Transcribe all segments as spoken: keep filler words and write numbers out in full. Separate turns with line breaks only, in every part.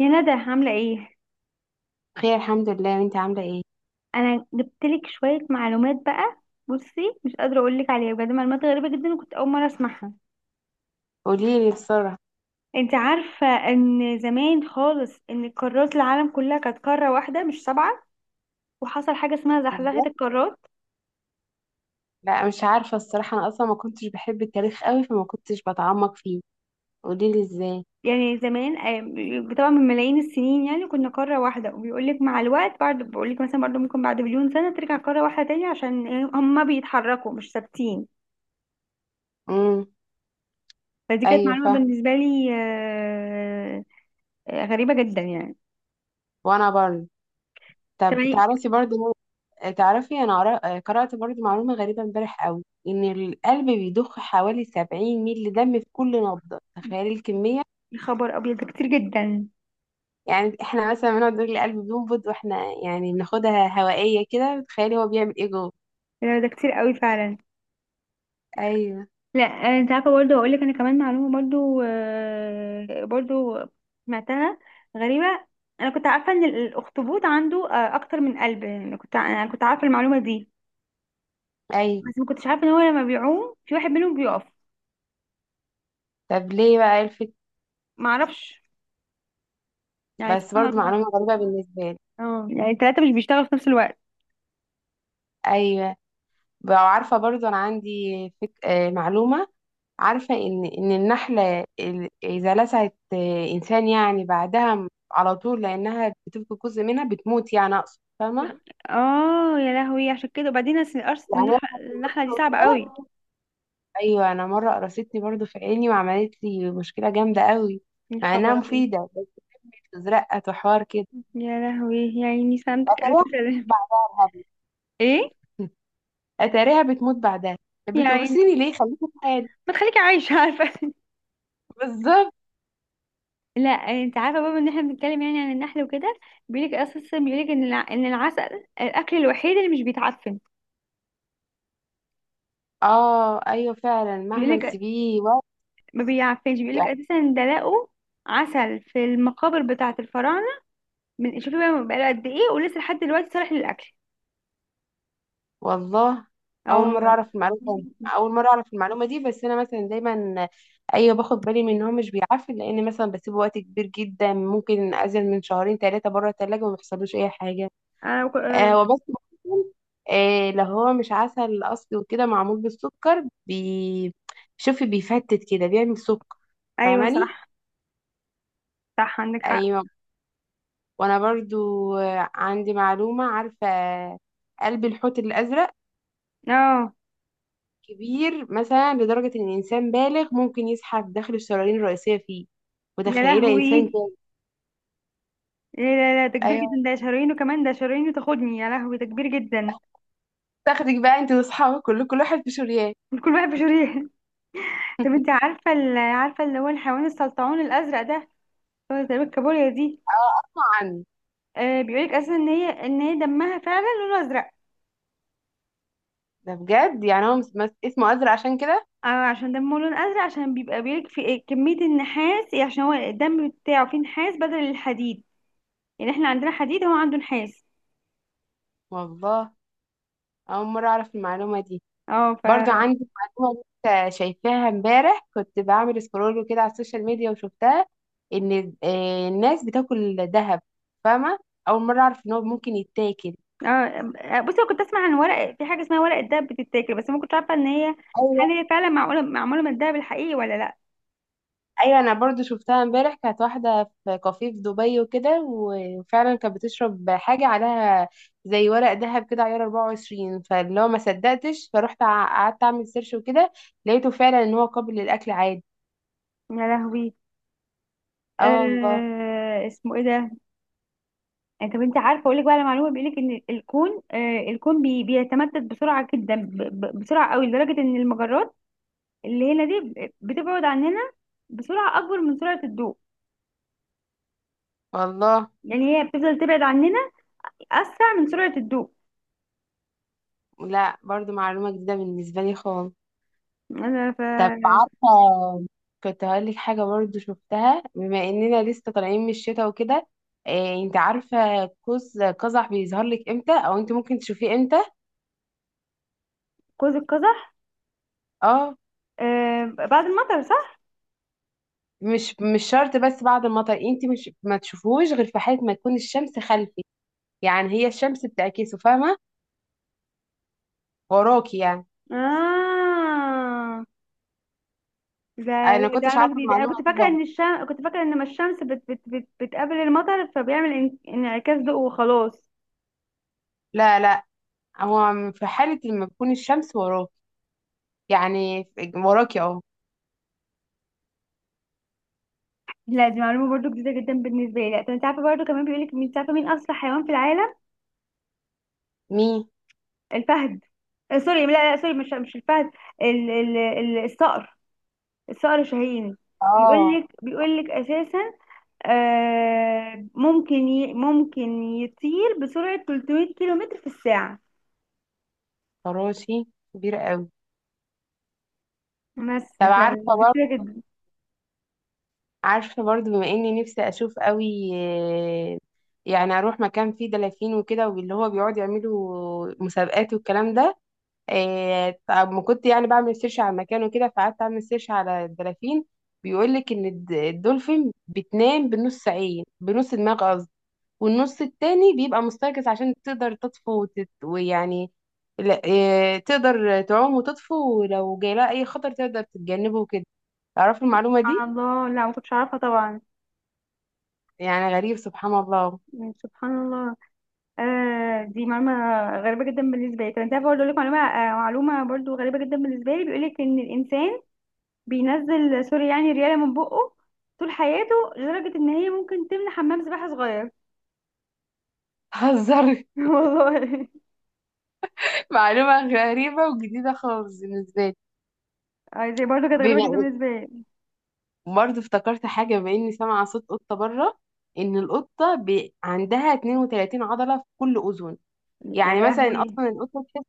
يا ندى، عاملة ايه؟
بخير الحمد لله، وانت عامله ايه؟
انا جبتلك شوية معلومات بقى. بصي، مش قادرة اقولك عليها، بجد معلومات غريبة جدا وكنت اول مرة اسمعها.
قولي لي بسرعه.
انت عارفة ان زمان خالص ان قارات العالم كلها كانت قارة واحدة مش سبعة، وحصل حاجة اسمها زحزحة القارات.
لا مش عارفه الصراحه، انا اصلا ما كنتش بحب التاريخ قوي فما كنتش بتعمق فيه. قولي لي ازاي.
يعني زمان آه، طبعا من ملايين السنين، يعني كنا قارة واحدة وبيقولك مع الوقت بعد بقولك مثلا برضه ممكن بعد مليون سنة ترجع قارة واحدة تاني. عشان إيه؟ هما بيتحركوا، مش ثابتين.
امم
فدي كانت
ايوه
معلومة
فاهمه.
بالنسبة لي. آه، آه، غريبة جدا يعني.
وانا برضه. طب
تمانية.
تعرفي برضه، تعرفي انا قرا- قرات برضه معلومه غريبه امبارح قوي، ان القلب بيضخ حوالي سبعين مللي دم في كل نبضه. تخيلي الكميه.
يا خبر ابيض، ده كتير جدا.
يعني احنا مثلا بنقعد نقول القلب بينبض واحنا يعني بناخدها هوائيه كده. تخيلي هو بيعمل ايه جوه.
لا، ده كتير قوي فعلا.
ايوه.
لا. آه، انت عارفه، برضه هقول لك انا كمان معلومه برضه، آه، برضه سمعتها. غريبه. انا كنت عارفه ان الاخطبوط عنده آه، اكتر من قلب، يعني أنا كنت انا كنت عارفه المعلومه دي.
ايوه.
بس ما كنتش عارفه ان هو لما بيعوم في واحد منهم بيقف.
طب ليه بقى؟ ايه
ما اعرفش، يعني
بس
سبحان
برضو معلومة
الله.
غريبة بالنسبة لي.
اه، يعني الثلاثه مش بيشتغلوا في نفس الوقت.
أيوة. بقى عارفة برضو أنا عندي فك... آه، معلومة. عارفة إن إن النحلة ال- إذا لسعت آه، إنسان، يعني بعدها م- على طول لأنها بتفقد جزء منها، بتموت. يعني أقصد، فاهمة؟
اه يا لهوي، عشان كده. وبعدين أصل القرص
يعني هي
النح- النحله دي صعبه قوي.
متوترة. أيوة أنا مرة قرصتني برضو في عيني، وعملت لي مشكلة جامدة قوي
يا
مع إنها
خبر ابيض.
مفيدة، بس بتزرقت وحوار كده.
يا لهوي، يا عيني، سلامتك، ألف
أتاريها بتموت
سلامة.
بعدها يا هبل.
ايه؟
أتاريها بتموت بعدها. طب
يا عيني،
بتقرصيني ليه؟ خليكي في حالي.
ما تخليكي عايشة عارفة.
بالظبط.
لا، انت عارفه بابا، ان احنا بنتكلم يعني عن النحل وكده. بيقولك اساسا، بيقولك ان الع... ان العسل الاكل الوحيد اللي مش بيتعفن.
اه ايوه فعلا، مهما
بيقولك
نسيبيه وقت.
ما بيعفنش، بيقولك
يعني
اساسا ده لقوا عسل في المقابر بتاعه الفراعنه. من شوفي بقى بقاله قد ايه، ولسه لحد دلوقتي صالح للاكل.
والله
اه
اول
والله.
مره اعرف المعلومه، اول مره اعرف المعلومه دي، بس انا مثلا دايما ايوه باخد بالي من ان هو مش بيعفن، لان مثلا بسيبه وقت كبير جدا، ممكن اقعد من شهرين ثلاثه بره الثلاجه وما بيحصلوش اي حاجه.
انا بك... آه،
آه وبس ممكن، آه لو هو مش عسل اصلي وكده، معمول بالسكر بي شوفي بيفتت كده، بيعمل سكر.
ايوه
فاهماني؟
صح، صح عندك حق.
ايوه. وانا برضو آه، عندي معلومه. عارفه قلب الحوت الازرق
اه
كبير مثلا لدرجة إن إنسان بالغ ممكن يزحف داخل الشرايين الرئيسية فيه.
يا
متخيلة إنسان
لهوي!
كده؟
إيه؟ لا لا، ده كبير
أيوه.
جدا. ده شهرين، وكمان ده شهرين وتاخدني. يا لهوي، ده كبير جدا.
تاخدك بقى أنت وأصحابك، كل كل واحد في شريان.
كل واحد بشهرين. طب انت عارفه ال- عارفه اللي هو الحيوان السلطعون الازرق ده؟ هو زي الكابوريا دي.
أه أسمع عنه.
آه بيقولك اصلا ان هي ان هي دمها فعلا لونه ازرق.
ده بجد يعني هو مس- مس- اسمه أزرق عشان كده؟
آه عشان دمه لون ازرق، عشان بيبقى بيقولك في إيه كميه النحاس، يعني عشان هو الدم بتاعه فيه نحاس بدل الحديد. يعني احنا عندنا حديد، هو عنده نحاس.
والله أول مرة أعرف المعلومة دي.
اه ف
برضو
اه
عندي معلومة لسه شايفاها امبارح، كنت بعمل سكرول كده على السوشيال ميديا وشفتها. إن آه، الناس بتاكل ذهب. فاهمة؟ أول مرة أعرف إن هو ممكن يتاكل.
آه، بصي أنا كنت اسمع عن ورق، في حاجه اسمها ورق الدهب بتتاكل، بس ما كنتش عارفه ان هي، هل
أيوة.
هي فعلا معقوله معموله من الدهب الحقيقي ولا لا؟
ايوه انا برضو شفتها امبارح، كانت واحده في كافيه في دبي وكده، وفعلا كانت بتشرب حاجه عليها زي ورق ذهب كده عيار اربعة وعشرين. فاللي هو ما صدقتش فروحت ع- قعدت اعمل سيرش وكده، لقيته فعلا ان هو قابل للاكل عادي.
يا لهوي.
اه والله.
آه اسمه ايه ده؟ يعني طب انت عارفه، اقول لك بقى على معلومه، بيقول لك ان الكون آه الكون بي بيتمدد بسرعه جدا، ب ب بسرعه قوي، لدرجه ان المجرات اللي هنا دي ب- بتبعد عننا بسرعه اكبر من سرعه الضوء.
والله
يعني هي بتفضل تبعد عننا اسرع من سرعه الضوء.
لا، برضو معلومه جديده بالنسبه لي خالص.
انا ف
طب عارفه، كنت هقول لك حاجه برضو شفتها بما اننا لسه طالعين من الشتاء وكده. إيه انت عارفه قوس قزح بيظهر لك امتى، او انت ممكن تشوفيه امتى؟
قوس القزح؟
اه.
آه بعد المطر، صح.
مش مش شرط بس بعد المطر، انت مش ما تشوفوش غير في حالة ما تكون الشمس خلفي. يعني هي الشمس بتعكسه، فاهمة؟ وراكي يعني.
اه، ده
انا ما
ده
كنتش
معلومة
عارفة
جديدة. أنا
المعلومة
كنت
دي
فاكرة
برضه.
إن الشمس كنت فاكرة إن ما الشمس بت... بت... بت... بتقابل المطر، فبيعمل ان- انعكاس ضوء وخلاص.
لا لا، هو في حالة لما تكون الشمس وراكي. يعني في- وراكي اهو.
لا، دي معلومة برضو جديدة جدا بالنسبة لي. لا. طب أنت عارفة برضو كمان؟ بيقولك، مين عارفة مين أسرع حيوان في العالم؟
مي
الفهد. آه، سوري، لا لا، سوري، مش مش الفهد. ال... ال... ال... الصقر. الصقر الشاهين.
اه
بيقولك بيقولك أساسا، آه ممكن ي... ممكن يطير بسرعة ثلاثمية كيلو متر في الساعة.
فراشي كبير قوي.
بس
طب عارفة
فدي كتيرة
برضه
جدا.
عارفة برضه بما اني نفسي اشوف قوي، آه، يعني اروح مكان فيه دلافين وكده، واللي هو بيقعد يعملوا مسابقات والكلام ده. إيه، طب ما كنت يعني بعمل سيرش على المكان وكده، فقعدت اعمل سيرش على الدلافين. بيقول لك ان الد- الدولفين بتنام بنص عين، بنص دماغ قصدي، والنص التاني بيبقى مستيقظ عشان تقدر تطفو وتت... ويعني لا إيه، تقدر تعوم وتطفو، ولو جاي لها اي خطر تقدر تتجنبه وكده. تعرفي المعلومة دي؟
سبحان الله. لا، ما كنتش أعرفها طبعا.
يعني غريب، سبحان الله.
يعني سبحان الله. آه دي معلومة غريبة جدا بالنسبة لي. طب انت عارفة برضه، اقول لك معلومة آه معلومة برضه غريبة جدا بالنسبة لي. بيقول لك ان الانسان بينزل، سوري، يعني ريالة من بقه طول حياته، لدرجة ان هي ممكن تملى حمام سباحة صغير.
هزر.
والله.
معلومة غريبة وجديدة خالص بالنسبة
آه دي برضه كانت
لي.
غريبة جدا بالنسبة لي.
برضه افتكرت حاجة بما إني سامعة صوت قطة بره. إن القطة بي... عندها اثنين وثلاثين عضلة في كل أذن.
يا
يعني مثلا
لهوي.
أصلا القطة تحس،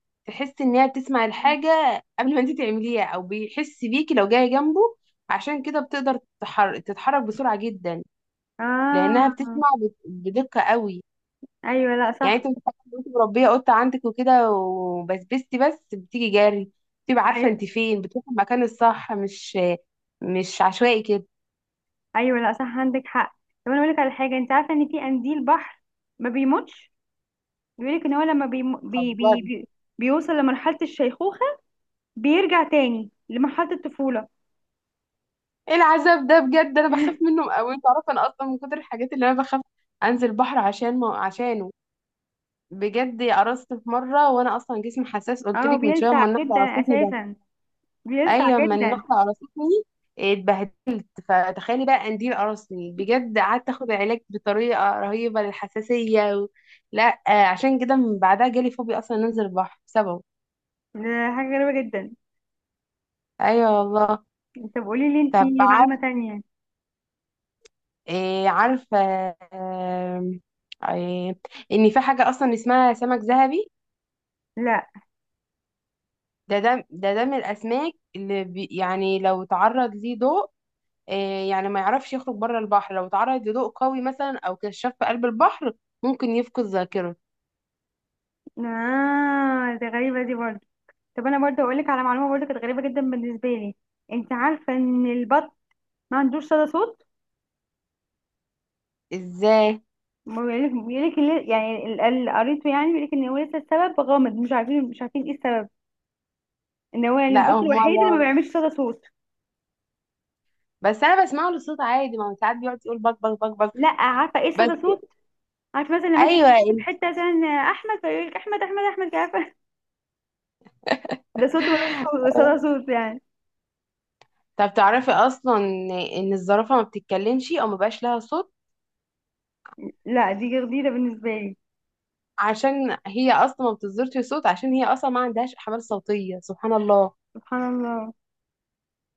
تحس إن هي بتسمع الحاجة قبل ما أنت تعمليها، أو بيحس بيكي لو جاية جنبه. عشان كده بتقدر تتحر... تتحرك بسرعة جدا، لأنها
اه،
بتسمع بت... بدقة قوي.
ايوه. لا
يعني
صح.
أنت متخيلة لو أنت مربية قطة عندك وكده، وبسبستي بس، بتيجي جري، بتبقى عارفة
ايوه.
أنت فين، بتروحي المكان الصح، مش مش عشوائي
ايوه، لا، صح عندك حق. طب انا اقول لك على حاجة. انت عارفة ان في قنديل بحر ما بيموتش؟ بيقولك ان هو لما بي بي بي
كده.
بي بيوصل لمرحلة الشيخوخة، بيرجع تاني لمرحلة الطفولة.
ايه العذاب ده بجد، انا بخاف منه قوي. تعرف انا اصلا من كتر الحاجات اللي انا بخاف انزل البحر عشان ما عشانه بجد قرصت في مره، وانا اصلا جسمي حساس، قلت
اه،
لك من شويه
بيلسع
اما النحله
جدا
قرصتني ده.
اساسا، بيلسع
ايوه اما
جدا.
النحله قرصتني اتبهدلت، فتخيلي بقى قنديل قرصني بجد. قعدت اخد علاج بطريقه رهيبه للحساسيه و... لا آه، عشان كده من بعدها جالي فوبيا اصلا انزل البحر بسببه.
ده حاجة غريبة جدا.
ايوه والله.
طب قولي لي
طب
انتي معلومة تانية.
إيه عارفة، آم، إيه إن في حاجة أصلا اسمها سمك ذهبي؟
لا.
ده ده ده ده من الأسماك اللي بي يعني لو تعرض ليه ضوء، إيه، يعني ما يعرفش يخرج بره البحر. لو تعرض لضوء قوي مثلا أو كشاف في قلب البحر، ممكن يفقد ذاكرته.
اه دي غريبة، دي برضه. طب انا برضه اقولك على معلومة برضه كانت غريبة جدا بالنسبة لي. انت عارفة ان البط ما عندوش صدى صوت؟
إزاي؟
ما بيقولك بيقولك ال- يعني ال- اللي قريته، يعني بيقولك ان هو لسه السبب غامض، مش عارفين مش عارفين ايه السبب. ان هو يعني
لا،
البط
أول
الوحيد
مرة
اللي ما
أعرف.
بيعملش صدى صوت.
بس أنا بسمعه للصوت عادي، ما هو ساعات بيقعد يقول بك بك بك بك
لا، عارفه ايه
بس.
صدى صوت؟ عارفه مثلا لما انت
أيوه
بتتكلمي في
ال-
حته مثلا احمد، فيقول لك احمد احمد احمد، عارفه؟ ده صوت ملوش صو- صدى صوت يعني.
طب تعرفي أصلا إن الزرافة ما بتتكلمش أو ما بقاش لها صوت؟
لا دي جديده بالنسبه لي.
عشان هي اصلا ما بتصدرش صوت، عشان هي اصلا ما عندهاش احبال صوتيه. سبحان الله.
سبحان الله.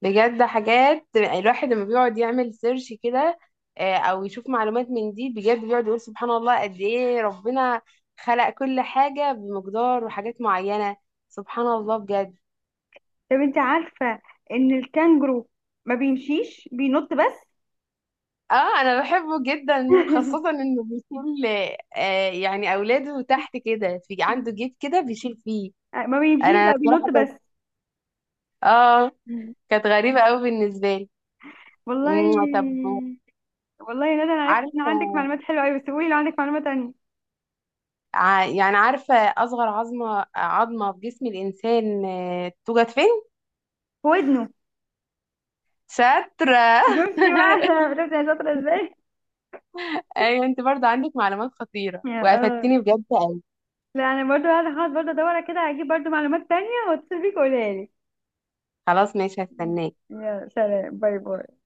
بجد حاجات الواحد لما بيقعد يعمل سيرش كده، آه، او يشوف معلومات من دي، بجد بيقعد يقول سبحان الله، قد ايه ربنا خلق كل حاجه بمقدار وحاجات معينه. سبحان الله بجد.
طب انت عارفه ان الكانجرو ما بيمشيش، بينط بس؟
اه انا بحبه جدا، خاصه انه بيكون ل- آه، يعني اولاده تحت كده، في عنده جيب كده بيشيل فيه.
ما بيمشيش بقى، بينط
بصراحه كانت
بس.
اه
مم.
كانت غريبه قوي بالنسبه لي. مم، طب
والله. والله يا ندى، انا عرفت ان
عارفة،
عندك معلومات حلوه قوي، بس قولي لو عندك معلومه تانية.
ع- يعني عارفة أصغر عظمة عظمة في جسم الإنسان آه، توجد فين؟
في ودنه.
شاطرة.
شفتي بقى! شفتي يا شاطره ازاي.
أيوة أنت برضه عندك معلومات خطيرة،
يا
وقفتني بجد أوي.
لا انا برضو قاعده هقعد برضو ادور كده، هجيب برضو معلومات تانية واتصل بيك وقولها لي.
خلاص ماشي، هستناك.
يا سلام. باي باي.